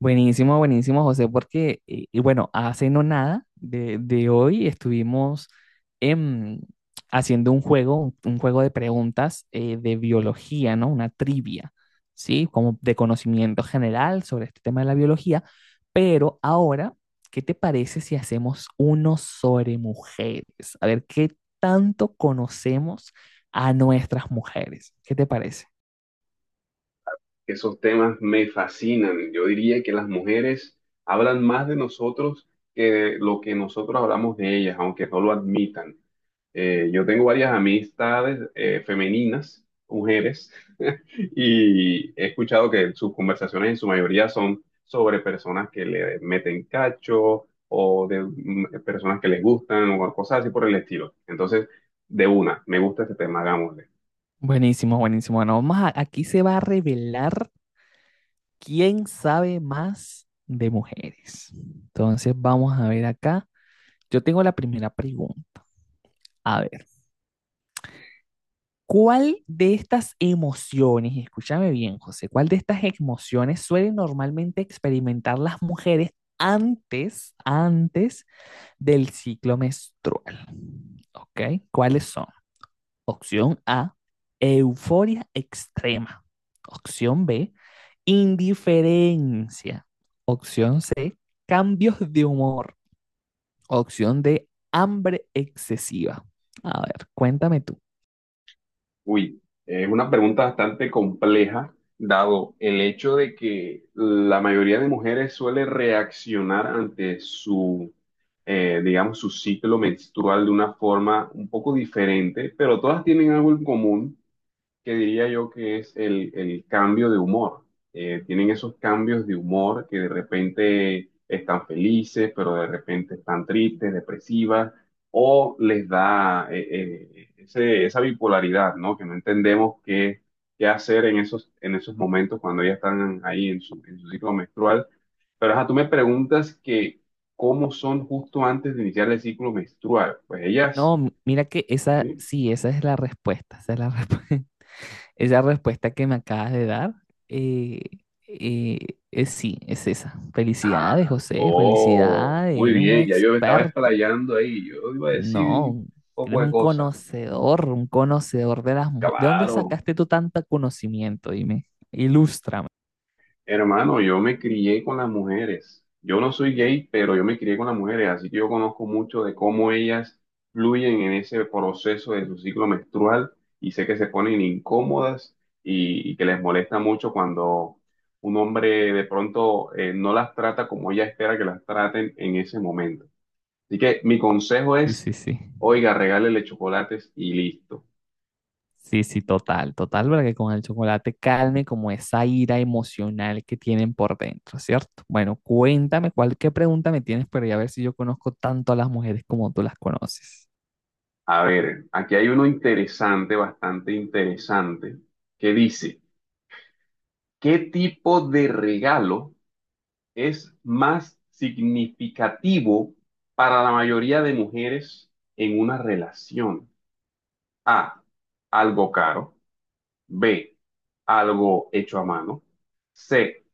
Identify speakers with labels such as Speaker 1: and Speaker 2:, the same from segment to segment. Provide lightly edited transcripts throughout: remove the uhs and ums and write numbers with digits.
Speaker 1: Buenísimo, buenísimo, José, porque, y bueno, hace no nada de hoy estuvimos em, haciendo un juego, un juego de preguntas de biología, ¿no? Una trivia, ¿sí? Como de conocimiento general sobre este tema de la biología. Pero ahora, ¿qué te parece si hacemos uno sobre mujeres? A ver, ¿qué tanto conocemos a nuestras mujeres? ¿Qué te parece?
Speaker 2: Esos temas me fascinan. Yo diría que las mujeres hablan más de nosotros que de lo que nosotros hablamos de ellas, aunque no lo admitan. Yo tengo varias amistades femeninas, mujeres, y he escuchado que sus conversaciones en su mayoría son sobre personas que le meten cacho o de personas que les gustan o cosas así por el estilo. Entonces, de una, me gusta este tema, hagámosle.
Speaker 1: Buenísimo, buenísimo. Bueno, aquí se va a revelar, ¿quién sabe más de mujeres? Entonces vamos a ver acá. Yo tengo la primera pregunta. A ver, ¿cuál de estas emociones, y escúchame bien, José, cuál de estas emociones suelen normalmente experimentar las mujeres antes, antes del ciclo menstrual? ¿Ok? ¿Cuáles son? Opción A, euforia extrema. Opción B, indiferencia. Opción C, cambios de humor. Opción D, hambre excesiva. A ver, cuéntame tú.
Speaker 2: Uy, es una pregunta bastante compleja, dado el hecho de que la mayoría de mujeres suele reaccionar ante su, digamos, su ciclo menstrual de una forma un poco diferente, pero todas tienen algo en común que diría yo que es el cambio de humor. Tienen esos cambios de humor que de repente están felices, pero de repente están tristes, depresivas, o les da esa bipolaridad, ¿no? Que no entendemos qué hacer en en esos momentos cuando ya están ahí en en su ciclo menstrual. Pero ajá, tú me preguntas que cómo son justo antes de iniciar el ciclo menstrual. Pues ellas...
Speaker 1: No, mira que esa,
Speaker 2: ¿sí?
Speaker 1: sí, esa es la respuesta. Esa es la respu- esa respuesta que me acabas de dar. eh, eh, es sí, es esa.
Speaker 2: Ah,
Speaker 1: Felicidades, José,
Speaker 2: oh,
Speaker 1: felicidades,
Speaker 2: muy
Speaker 1: eres un
Speaker 2: bien, ya yo me estaba
Speaker 1: experto.
Speaker 2: explayando ahí, yo iba a decir un
Speaker 1: No,
Speaker 2: poco
Speaker 1: eres
Speaker 2: de cosas.
Speaker 1: un conocedor de las mujeres. ¿De dónde
Speaker 2: Claro,
Speaker 1: sacaste tú tanto conocimiento? Dime, ilústrame.
Speaker 2: hermano, yo me crié con las mujeres. Yo no soy gay, pero yo me crié con las mujeres, así que yo conozco mucho de cómo ellas fluyen en ese proceso de su ciclo menstrual y sé que se ponen incómodas y que les molesta mucho cuando un hombre de pronto no las trata como ella espera que las traten en ese momento. Así que mi consejo
Speaker 1: Sí, sí,
Speaker 2: es,
Speaker 1: sí.
Speaker 2: oiga, regálele chocolates y listo.
Speaker 1: Sí, sí, total, total, para que con el chocolate calme como esa ira emocional que tienen por dentro, ¿cierto? Bueno, cuéntame cuál, qué pregunta me tienes para a ver si yo conozco tanto a las mujeres como tú las conoces.
Speaker 2: A ver, aquí hay uno interesante, bastante interesante, que dice, ¿qué tipo de regalo es más significativo para la mayoría de mujeres en una relación? A, algo caro. B, algo hecho a mano. C,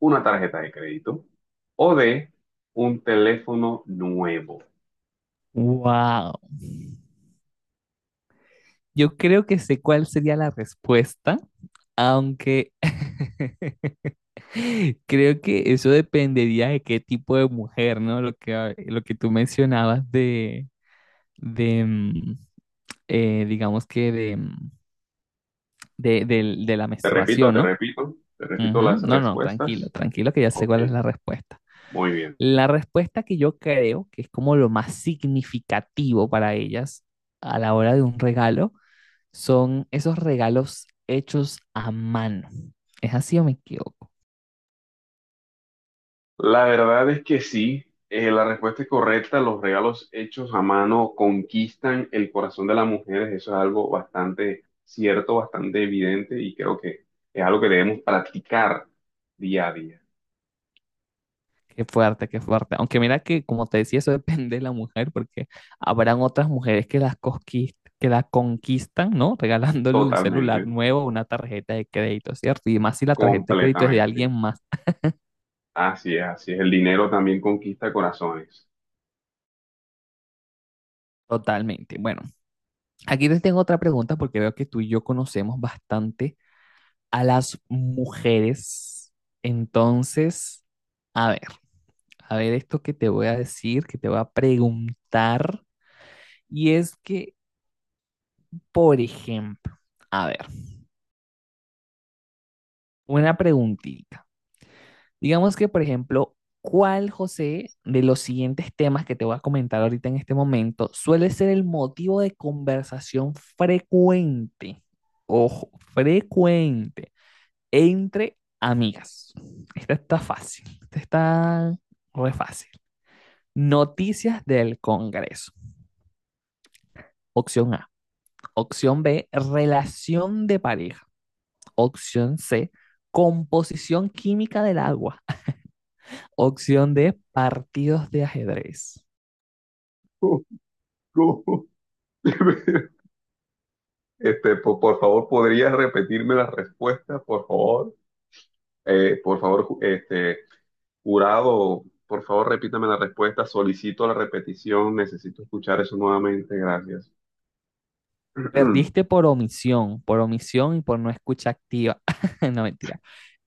Speaker 2: una tarjeta de crédito. O D, un teléfono nuevo.
Speaker 1: Wow. Yo creo que sé cuál sería la respuesta, aunque creo que eso dependería de qué tipo de mujer, ¿no? Lo que tú mencionabas de, de mm, digamos que de, de la menstruación, ¿no?
Speaker 2: Te repito
Speaker 1: Ujú.
Speaker 2: las
Speaker 1: No, no, tranquilo,
Speaker 2: respuestas.
Speaker 1: tranquilo, que ya sé
Speaker 2: Ok,
Speaker 1: cuál es la respuesta.
Speaker 2: muy bien.
Speaker 1: La respuesta que yo creo que es como lo más significativo para ellas a la hora de un regalo son esos regalos hechos a mano. ¿Es así o me equivoco?
Speaker 2: La verdad es que sí, la respuesta es correcta. Los regalos hechos a mano conquistan el corazón de las mujeres. Eso es algo bastante cierto, bastante evidente y creo que es algo que debemos practicar día a día.
Speaker 1: Qué fuerte, qué fuerte. Aunque mira que, como te decía, eso depende de la mujer, porque habrán otras mujeres que que la conquistan, ¿no? Regalándole un celular
Speaker 2: Totalmente,
Speaker 1: nuevo, una tarjeta de crédito, ¿cierto? Y más si la tarjeta de crédito es de alguien
Speaker 2: completamente.
Speaker 1: más,
Speaker 2: Así es, así es. El dinero también conquista corazones.
Speaker 1: totalmente. Bueno, aquí te tengo otra pregunta porque veo que tú y yo conocemos bastante a las mujeres. Entonces, a ver, a ver esto que te voy a decir, que te voy a preguntar, y es que, por ejemplo, a ver. Una preguntita. Digamos que, por ejemplo, ¿cuál, José, de los siguientes temas que te voy a comentar ahorita en este momento suele ser el motivo de conversación frecuente? Ojo, frecuente entre amigas. Esta está fácil, esta está re fácil. Noticias del Congreso. Opción A. Opción B, relación de pareja. Opción C, composición química del agua. Opción D, partidos de ajedrez.
Speaker 2: Por favor, ¿podrías repetirme la respuesta, por favor? Por favor, jurado, por favor, repítame la respuesta. Solicito la repetición. Necesito escuchar eso nuevamente. Gracias.
Speaker 1: Perdiste por omisión y por no escucha activa. No, mentira.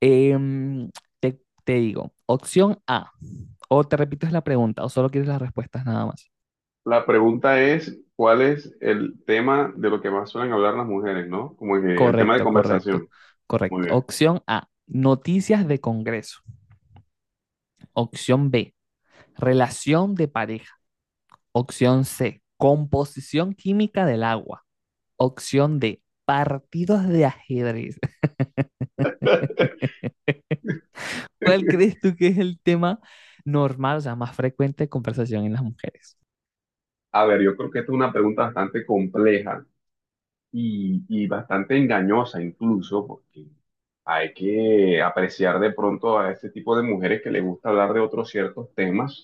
Speaker 1: Em, te digo, opción A, o te repito es la pregunta, o solo quieres las respuestas nada más.
Speaker 2: La pregunta es, ¿cuál es el tema de lo que más suelen hablar las mujeres, ¿no? Como que el tema de
Speaker 1: Correcto, correcto,
Speaker 2: conversación. Muy
Speaker 1: correcto.
Speaker 2: bien.
Speaker 1: Opción A, noticias de Congreso. Opción B, relación de pareja. Opción C, composición química del agua. Opción D, partidos de ajedrez. ¿Cuál crees tú que es el tema normal, o sea, más frecuente de conversación en las mujeres?
Speaker 2: A ver, yo creo que esta es una pregunta bastante compleja. Y bastante engañosa incluso, porque hay que apreciar de pronto a este tipo de mujeres que les gusta hablar de otros ciertos temas,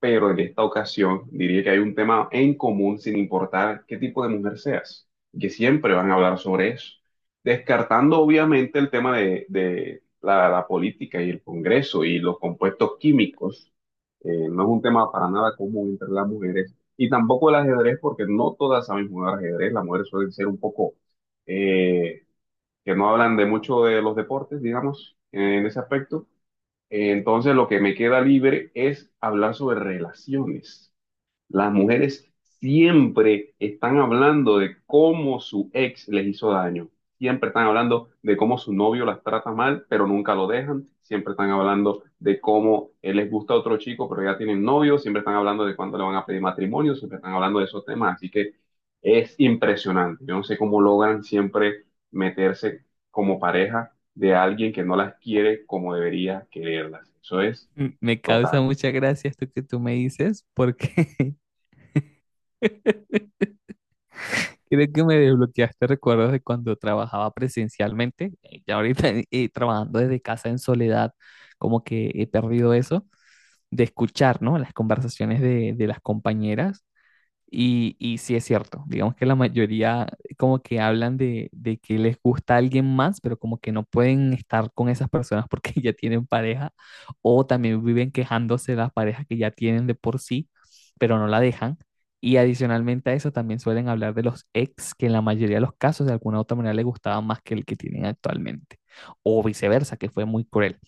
Speaker 2: pero en esta ocasión diría que hay un tema en común sin importar qué tipo de mujer seas, y que siempre van a hablar sobre eso, descartando obviamente el tema de la política y el Congreso y los compuestos químicos. No es un tema para nada común entre las mujeres, y tampoco el ajedrez, porque no todas saben jugar ajedrez. Las mujeres suelen ser un poco, eh, que no hablan de mucho de los deportes, digamos, en ese aspecto. Entonces, lo que me queda libre es hablar sobre relaciones. Las mujeres siempre están hablando de cómo su ex les hizo daño. Siempre están hablando de cómo su novio las trata mal, pero nunca lo dejan. Siempre están hablando de cómo les gusta otro chico, pero ya tienen novio. Siempre están hablando de cuándo le van a pedir matrimonio. Siempre están hablando de esos temas. Así que es impresionante. Yo no sé cómo logran siempre meterse como pareja de alguien que no las quiere como debería quererlas. Eso es
Speaker 1: M- Me causa
Speaker 2: total.
Speaker 1: mucha gracia esto que tú me dices porque creo que me desbloqueaste recuerdos de cuando trabajaba presencialmente, ya ahorita trabajando desde casa en soledad, como que he perdido eso de escuchar, ¿no? Las conversaciones de las compañeras. Y sí es cierto, digamos que la mayoría como que hablan de que les gusta alguien más, pero como que no pueden estar con esas personas porque ya tienen pareja, o también viven quejándose de las parejas que ya tienen de por sí, pero no la dejan. Y adicionalmente a eso también suelen hablar de los ex, que en la mayoría de los casos de alguna u otra manera les gustaba más que el que tienen actualmente, o viceversa, que fue muy cruel.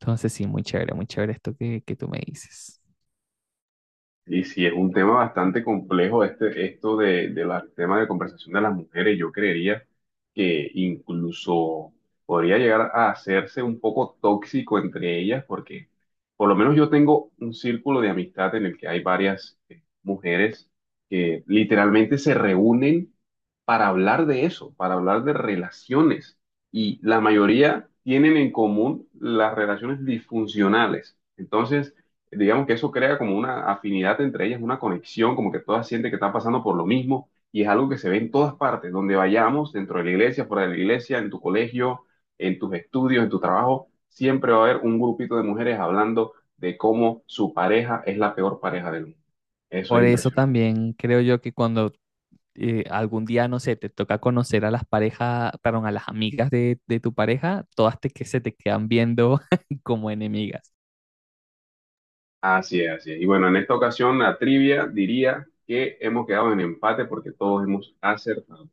Speaker 1: Entonces sí, muy chévere esto que tú me dices.
Speaker 2: Y sí, es un tema bastante complejo esto de tema de conversación de las mujeres. Yo creería que incluso podría llegar a hacerse un poco tóxico entre ellas, porque por lo menos yo tengo un círculo de amistad en el que hay varias mujeres que literalmente se reúnen para hablar de eso, para hablar de relaciones. Y la mayoría tienen en común las relaciones disfuncionales. Entonces, digamos que eso crea como una afinidad entre ellas, una conexión, como que todas sienten que están pasando por lo mismo. Y es algo que se ve en todas partes, donde vayamos, dentro de la iglesia, fuera de la iglesia, en tu colegio, en tus estudios, en tu trabajo, siempre va a haber un grupito de mujeres hablando de cómo su pareja es la peor pareja del mundo. Eso
Speaker 1: Por
Speaker 2: es
Speaker 1: eso
Speaker 2: impresionante.
Speaker 1: también creo yo que cuando algún día, no sé, te toca conocer a las parejas, perdón, a las amigas de tu pareja, todas te, que se te quedan viendo como enemigas.
Speaker 2: Así es, así es. Y bueno, en esta ocasión la trivia diría que hemos quedado en empate porque todos hemos acertado.